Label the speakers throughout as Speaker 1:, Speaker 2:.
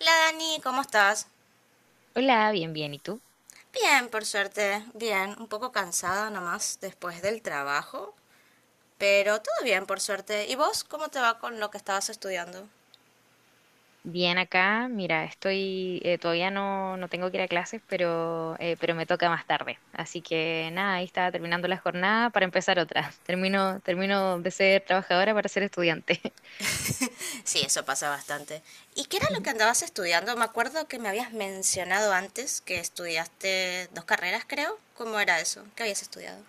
Speaker 1: Hola Dani, ¿cómo estás?
Speaker 2: Hola, bien, bien. ¿Y tú?
Speaker 1: Bien, por suerte, bien, un poco cansada nomás después del trabajo, pero todo bien, por suerte. ¿Y vos cómo te va con lo que estabas estudiando?
Speaker 2: Bien acá. Mira, estoy, todavía no tengo que ir a clases, pero me toca más tarde. Así que nada, ahí estaba terminando la jornada para empezar otra. Termino de ser trabajadora para ser estudiante.
Speaker 1: Sí, eso pasa bastante. ¿Y qué era lo
Speaker 2: Ujú.
Speaker 1: que andabas estudiando? Me acuerdo que me habías mencionado antes que estudiaste dos carreras, creo. ¿Cómo era eso? ¿Qué habías estudiado?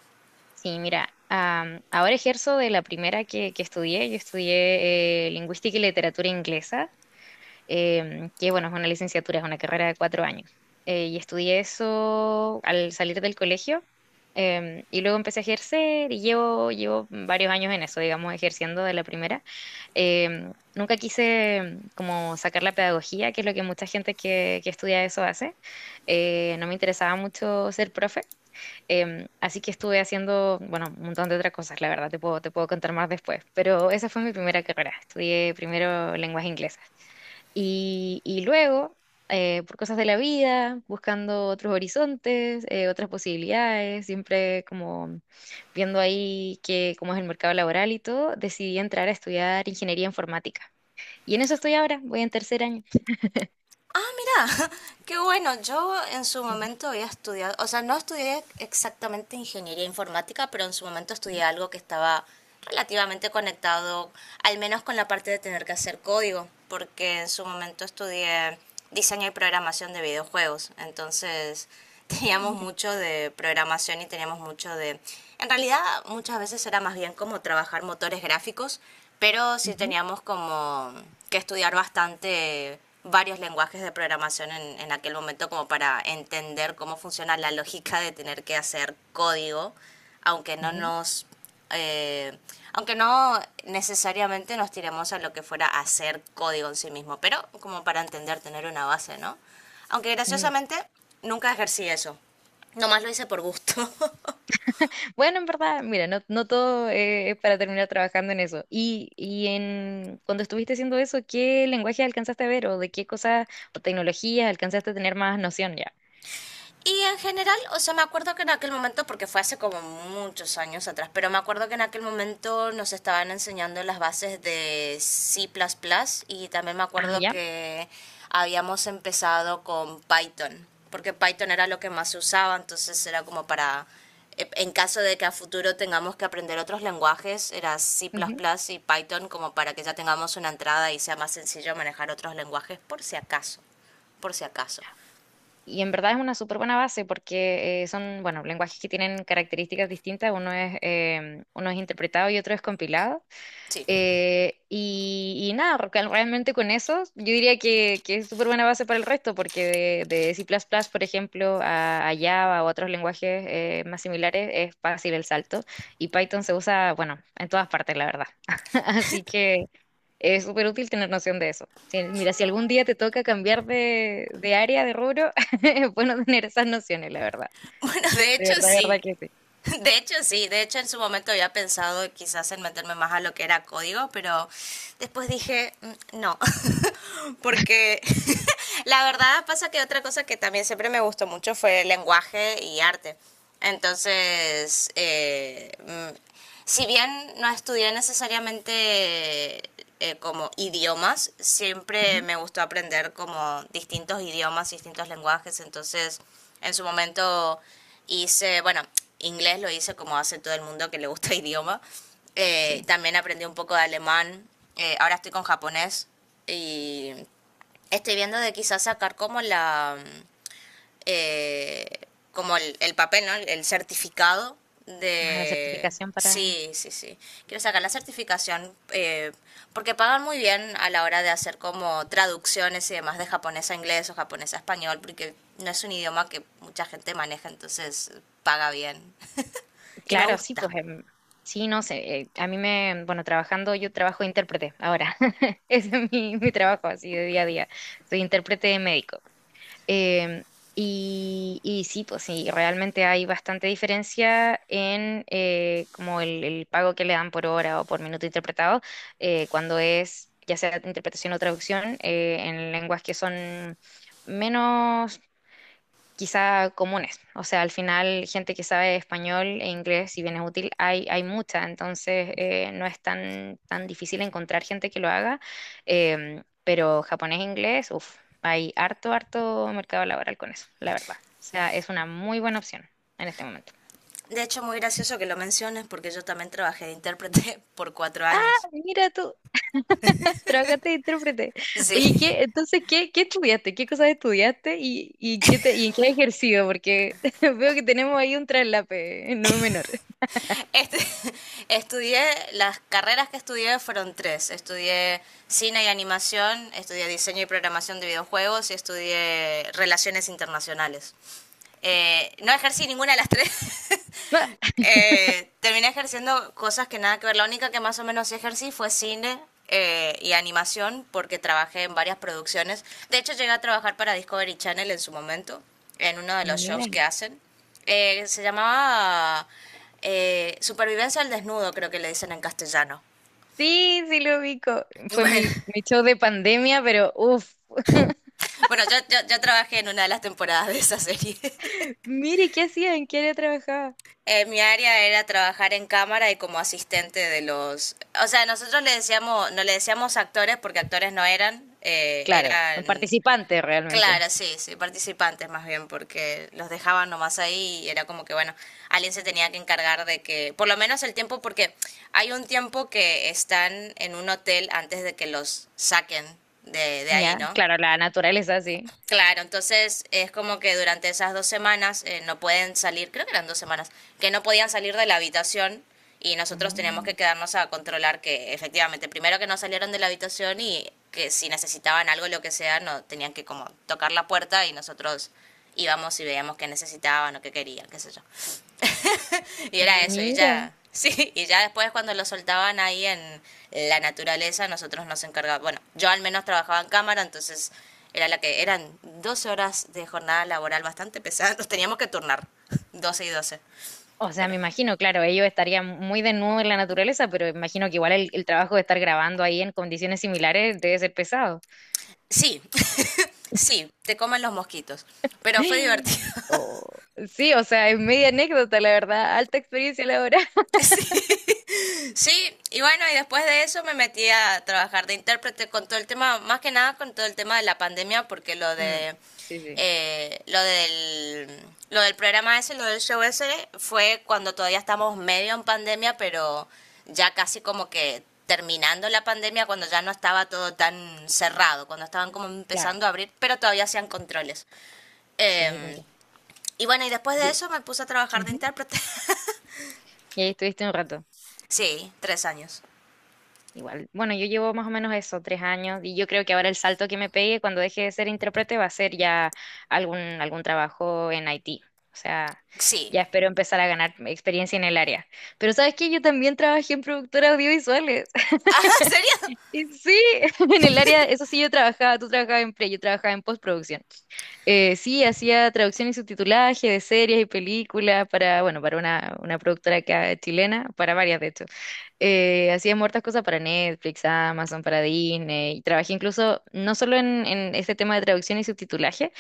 Speaker 2: Sí, mira, ahora ejerzo de la primera que estudié. Yo estudié lingüística y literatura inglesa, que bueno, es una licenciatura, es una carrera de 4 años. Y estudié eso al salir del colegio, y luego empecé a ejercer y llevo varios años en eso, digamos, ejerciendo de la primera. Nunca quise como sacar la pedagogía, que es lo que mucha gente que estudia eso hace. No me interesaba mucho ser profe. Así que estuve haciendo, bueno, un montón de otras cosas, la verdad, te te puedo contar más después, pero esa fue mi primera carrera. Estudié primero lenguas inglesas y luego, por cosas de la vida, buscando otros horizontes, otras posibilidades, siempre como viendo ahí cómo es el mercado laboral y todo, decidí entrar a estudiar ingeniería informática. Y en eso estoy ahora, voy en 3.er año.
Speaker 1: Ah, mira, qué bueno. Yo en su
Speaker 2: Ujú.
Speaker 1: momento había estudiado, o sea, no estudié exactamente ingeniería informática, pero en su momento estudié algo que estaba relativamente conectado, al menos con la parte de tener que hacer código, porque en su momento estudié diseño y programación de videojuegos. Entonces, teníamos
Speaker 2: Mira.
Speaker 1: mucho de programación y teníamos mucho de... En realidad, muchas veces era más bien como trabajar motores gráficos, pero sí
Speaker 2: Ujú.
Speaker 1: teníamos como que estudiar bastante varios lenguajes de programación en aquel momento como para entender cómo funciona la lógica de tener que hacer código, aunque no nos eh, aunque no necesariamente nos tiremos a lo que fuera a hacer código en sí mismo, pero como para entender, tener una base, ¿no? Aunque
Speaker 2: Ujú.
Speaker 1: graciosamente nunca ejercí eso. Nomás lo hice por gusto.
Speaker 2: Bueno, en verdad, mira, no todo es para terminar trabajando en eso. Y en cuando estuviste haciendo eso, ¿qué lenguaje alcanzaste a ver o de qué cosas o tecnologías alcanzaste a tener más noción ya?
Speaker 1: Y en general, o sea, me acuerdo que en aquel momento, porque fue hace como muchos años atrás, pero me acuerdo que en aquel momento nos estaban enseñando las bases de C++ plus plus, y también me
Speaker 2: Ah,
Speaker 1: acuerdo
Speaker 2: ya.
Speaker 1: que habíamos empezado con Python, porque Python era lo que más se usaba, entonces era como para, en caso de que a futuro tengamos que aprender otros lenguajes, era C++ plus
Speaker 2: Ujú.
Speaker 1: plus y Python como para que ya tengamos una entrada y sea más sencillo manejar otros lenguajes por si acaso, por si acaso.
Speaker 2: Y en verdad es una súper buena base porque son, bueno, lenguajes que tienen características distintas. Uno es, uno es interpretado y otro es compilado.
Speaker 1: Sí.
Speaker 2: Y nada, realmente con eso yo diría que es súper buena base para el resto, porque de C++, por ejemplo, a Java o otros lenguajes más similares, es fácil el salto. Y Python se usa, bueno, en todas partes, la verdad. Así que es súper útil tener noción de eso. Mira, si algún día te toca cambiar de área, de rubro. Es bueno tener esas nociones, la verdad.
Speaker 1: Bueno, de
Speaker 2: De
Speaker 1: hecho
Speaker 2: verdad, de
Speaker 1: sí.
Speaker 2: verdad que sí.
Speaker 1: De hecho sí, de hecho en su momento había pensado quizás en meterme más a lo que era código, pero después dije: "Mm, no", porque la verdad pasa que otra cosa que también siempre me gustó mucho fue el lenguaje y arte. Entonces, mm, si bien no estudié necesariamente, como idiomas, siempre
Speaker 2: Ujú.
Speaker 1: me gustó aprender como distintos idiomas, distintos lenguajes, entonces en su momento hice, bueno, inglés lo hice como hace todo el mundo que le gusta el idioma,
Speaker 2: Sí.
Speaker 1: también aprendí un poco de alemán, ahora estoy con japonés y estoy viendo de quizás sacar como la, eh, como el papel, ¿no? El certificado
Speaker 2: Ah, la
Speaker 1: de...
Speaker 2: certificación para...
Speaker 1: Sí, sí, sí. Quiero sacar la certificación, porque pagan muy bien a la hora de hacer como traducciones y demás de japonés a inglés o japonés a español, porque no es un idioma que mucha gente maneja, entonces paga bien. Y me
Speaker 2: Claro, sí,
Speaker 1: gusta.
Speaker 2: pues sí, no sé, a mí me, bueno, trabajando, yo trabajo de intérprete ahora. Ese es mi trabajo así de día a día, soy intérprete médico. Em, y sí, pues sí, realmente hay bastante diferencia en como el pago que le dan por hora o por minuto interpretado, cuando es ya sea interpretación o traducción en lenguas que son menos quizá comunes. O sea, al final, gente que sabe español e inglés, si bien es útil, hay mucha. Entonces, no es tan difícil encontrar gente que lo haga. Pero japonés e inglés, uff, hay harto, harto mercado laboral con eso, la verdad. O sea, es una muy buena opción en este momento.
Speaker 1: De hecho, muy gracioso que lo menciones porque yo también trabajé de intérprete por cuatro
Speaker 2: Ah,
Speaker 1: años.
Speaker 2: mira tú, trabajaste de intérprete.
Speaker 1: Sí.
Speaker 2: Oye, entonces, ¿qué, qué estudiaste? ¿Qué cosas estudiaste qué y en qué has ejercido? Porque veo que tenemos ahí un traslape, no menor.
Speaker 1: Estu- estudié, las carreras que estudié fueron tres. Estudié cine y animación, estudié diseño y programación de videojuegos y estudié relaciones internacionales. No ejercí ninguna de las tres, terminé ejerciendo cosas que nada que ver. La única que más o menos sí ejercí fue cine, y animación, porque trabajé en varias producciones. De hecho, llegué a trabajar para Discovery Channel en su momento, en uno de los
Speaker 2: Mira.
Speaker 1: shows que hacen. Se llamaba, Supervivencia al Desnudo, creo que le dicen en castellano.
Speaker 2: Sí, sí lo ubico. Fue
Speaker 1: Bueno,
Speaker 2: mi, mi show de pandemia, pero uff,
Speaker 1: yo trabajé en una de las temporadas de esa serie.
Speaker 2: mire, ¿qué hacía? ¿En qué área trabajaba?
Speaker 1: Mi área era trabajar en cámara y como asistente de los... O sea, nosotros le decíamos, no le decíamos actores, porque actores no eran,
Speaker 2: Claro, son
Speaker 1: eran...
Speaker 2: participantes
Speaker 1: Claro,
Speaker 2: realmente.
Speaker 1: sí, sí, participantes más bien, porque los dejaban nomás ahí y era como que, bueno, alguien se tenía que encargar de que, por lo menos el tiempo, porque hay un tiempo que están en un hotel antes de que los saquen de ahí,
Speaker 2: Ya,
Speaker 1: ¿no?
Speaker 2: claro, la naturaleza sí.
Speaker 1: Claro, entonces es como que durante esas dos semanas, no pueden salir, creo que eran dos semanas, que no podían salir de la habitación, y nosotros teníamos
Speaker 2: Ah,
Speaker 1: que quedarnos a controlar que efectivamente, primero que no salieron de la habitación, y que si necesitaban algo, lo que sea, no tenían que como tocar la puerta y nosotros íbamos y veíamos qué necesitaban o qué querían, qué sé yo. Y era eso, y
Speaker 2: mira.
Speaker 1: ya. Sí, y ya después, cuando lo soltaban ahí en la naturaleza, nosotros nos encargábamos. Bueno, yo al menos trabajaba en cámara, entonces era la que eran 12 horas de jornada laboral bastante pesada. Nos teníamos que turnar, 12 y doce.
Speaker 2: O sea,
Speaker 1: Pero
Speaker 2: me imagino, claro, ellos estarían muy desnudos en la naturaleza, pero imagino que igual el trabajo de estar grabando ahí en condiciones similares debe ser pesado.
Speaker 1: sí, sí, te comen los mosquitos. Pero fue divertido.
Speaker 2: Oh, sí, o sea, es media anécdota, la verdad. Alta experiencia laboral.
Speaker 1: Sí, y bueno, y después de eso me metí a trabajar de intérprete con todo el tema, más que nada con todo el tema de la pandemia, porque
Speaker 2: Mm, sí, sí,
Speaker 1: eh, lo del lo del programa ese, lo del show ese, fue cuando todavía estamos medio en pandemia, pero ya casi como que terminando la pandemia, cuando ya no estaba todo tan cerrado, cuando estaban como
Speaker 2: claro.
Speaker 1: empezando a abrir, pero todavía hacían controles.
Speaker 2: Sí, te
Speaker 1: Eh,
Speaker 2: entiendo.
Speaker 1: y bueno, y después de
Speaker 2: Yo-
Speaker 1: eso me puse a trabajar de
Speaker 2: Ujú.
Speaker 1: intérprete.
Speaker 2: Y ahí estuviste un rato.
Speaker 1: Sí, tres años.
Speaker 2: Igual. Bueno, yo llevo más o menos eso, 3 años, y yo creo que ahora el salto que me pegue cuando deje de ser intérprete va a ser ya algún, algún trabajo en Haití. O sea,
Speaker 1: Sí.
Speaker 2: ya espero empezar a ganar experiencia en el área. Pero ¿sabes qué? Yo también trabajé en productoras audiovisuales.
Speaker 1: ¿Sería?
Speaker 2: Sí, en el área, eso sí, yo trabajaba, tú trabajabas en pre, yo trabajaba en postproducción. Sí, hacía traducción y subtitulaje de series y películas para, bueno, para una productora acá chilena, para varias de hecho, hacía muertas cosas para Netflix, Amazon, para Disney. Y trabajé incluso no solo en este tema de traducción y subtitulaje,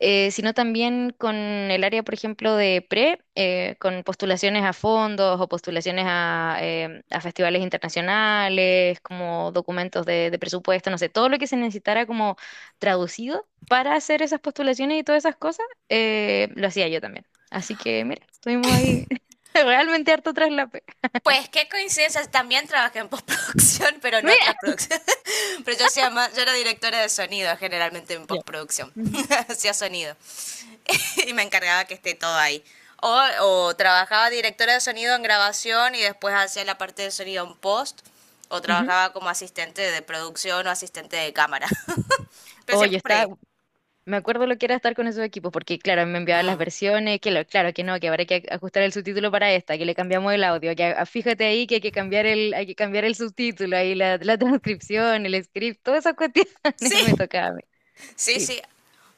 Speaker 2: sino también con el área, por ejemplo, de pre, con postulaciones a fondos o postulaciones a festivales internacionales, como documentos de presupuesto, no sé, todo lo que se necesitara como traducido para hacer esas postulaciones y todas esas cosas, lo hacía yo también. Así que, mira, estuvimos ahí realmente harto traslape.
Speaker 1: Pues qué coincidencia, también trabajé en postproducción, pero en otras
Speaker 2: Mira.
Speaker 1: producciones. Pero yo era directora de sonido, generalmente en
Speaker 2: Ya.
Speaker 1: postproducción.
Speaker 2: Ujú.
Speaker 1: Hacía sonido. Y me encargaba que esté todo ahí. O trabajaba directora de sonido en grabación y después hacía la parte de sonido en post. O
Speaker 2: Ujú.
Speaker 1: trabajaba como asistente de producción o asistente de cámara. Pero
Speaker 2: Oye,
Speaker 1: siempre por
Speaker 2: está,
Speaker 1: ahí.
Speaker 2: me acuerdo lo que era estar con esos equipos, porque claro, me enviaban las
Speaker 1: Mm.
Speaker 2: versiones, claro que no, que habrá que ajustar el subtítulo para esta, que le cambiamos el audio, que ah, fíjate ahí que hay que cambiar hay que cambiar el subtítulo, ahí la transcripción, el script, todas esas cuestiones
Speaker 1: Sí,
Speaker 2: me tocaba a mí.
Speaker 1: sí,
Speaker 2: Sí,
Speaker 1: sí.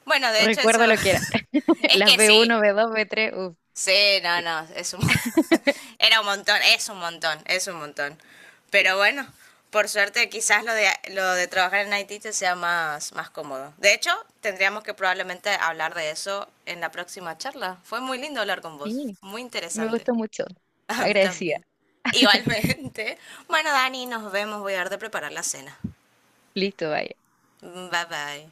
Speaker 1: Bueno, de hecho eso...
Speaker 2: recuerdo lo que era.
Speaker 1: es
Speaker 2: Las
Speaker 1: que
Speaker 2: b
Speaker 1: sí.
Speaker 2: uno, b dos, b tres. Uff,
Speaker 1: Sí, no, no, es un... era un montón, es un montón, es un montón. Pero
Speaker 2: sí.
Speaker 1: bueno, por suerte quizás lo de, trabajar en Haití te sea más, más cómodo. De hecho, tendríamos que probablemente hablar de eso en la próxima charla. Fue muy lindo hablar con vos,
Speaker 2: Sí,
Speaker 1: muy
Speaker 2: me
Speaker 1: interesante.
Speaker 2: gustó mucho.
Speaker 1: A mí
Speaker 2: Agradecida.
Speaker 1: también. Igualmente. Bueno, Dani, nos vemos, voy a dar de preparar la cena.
Speaker 2: Listo, vaya.
Speaker 1: Bye bye.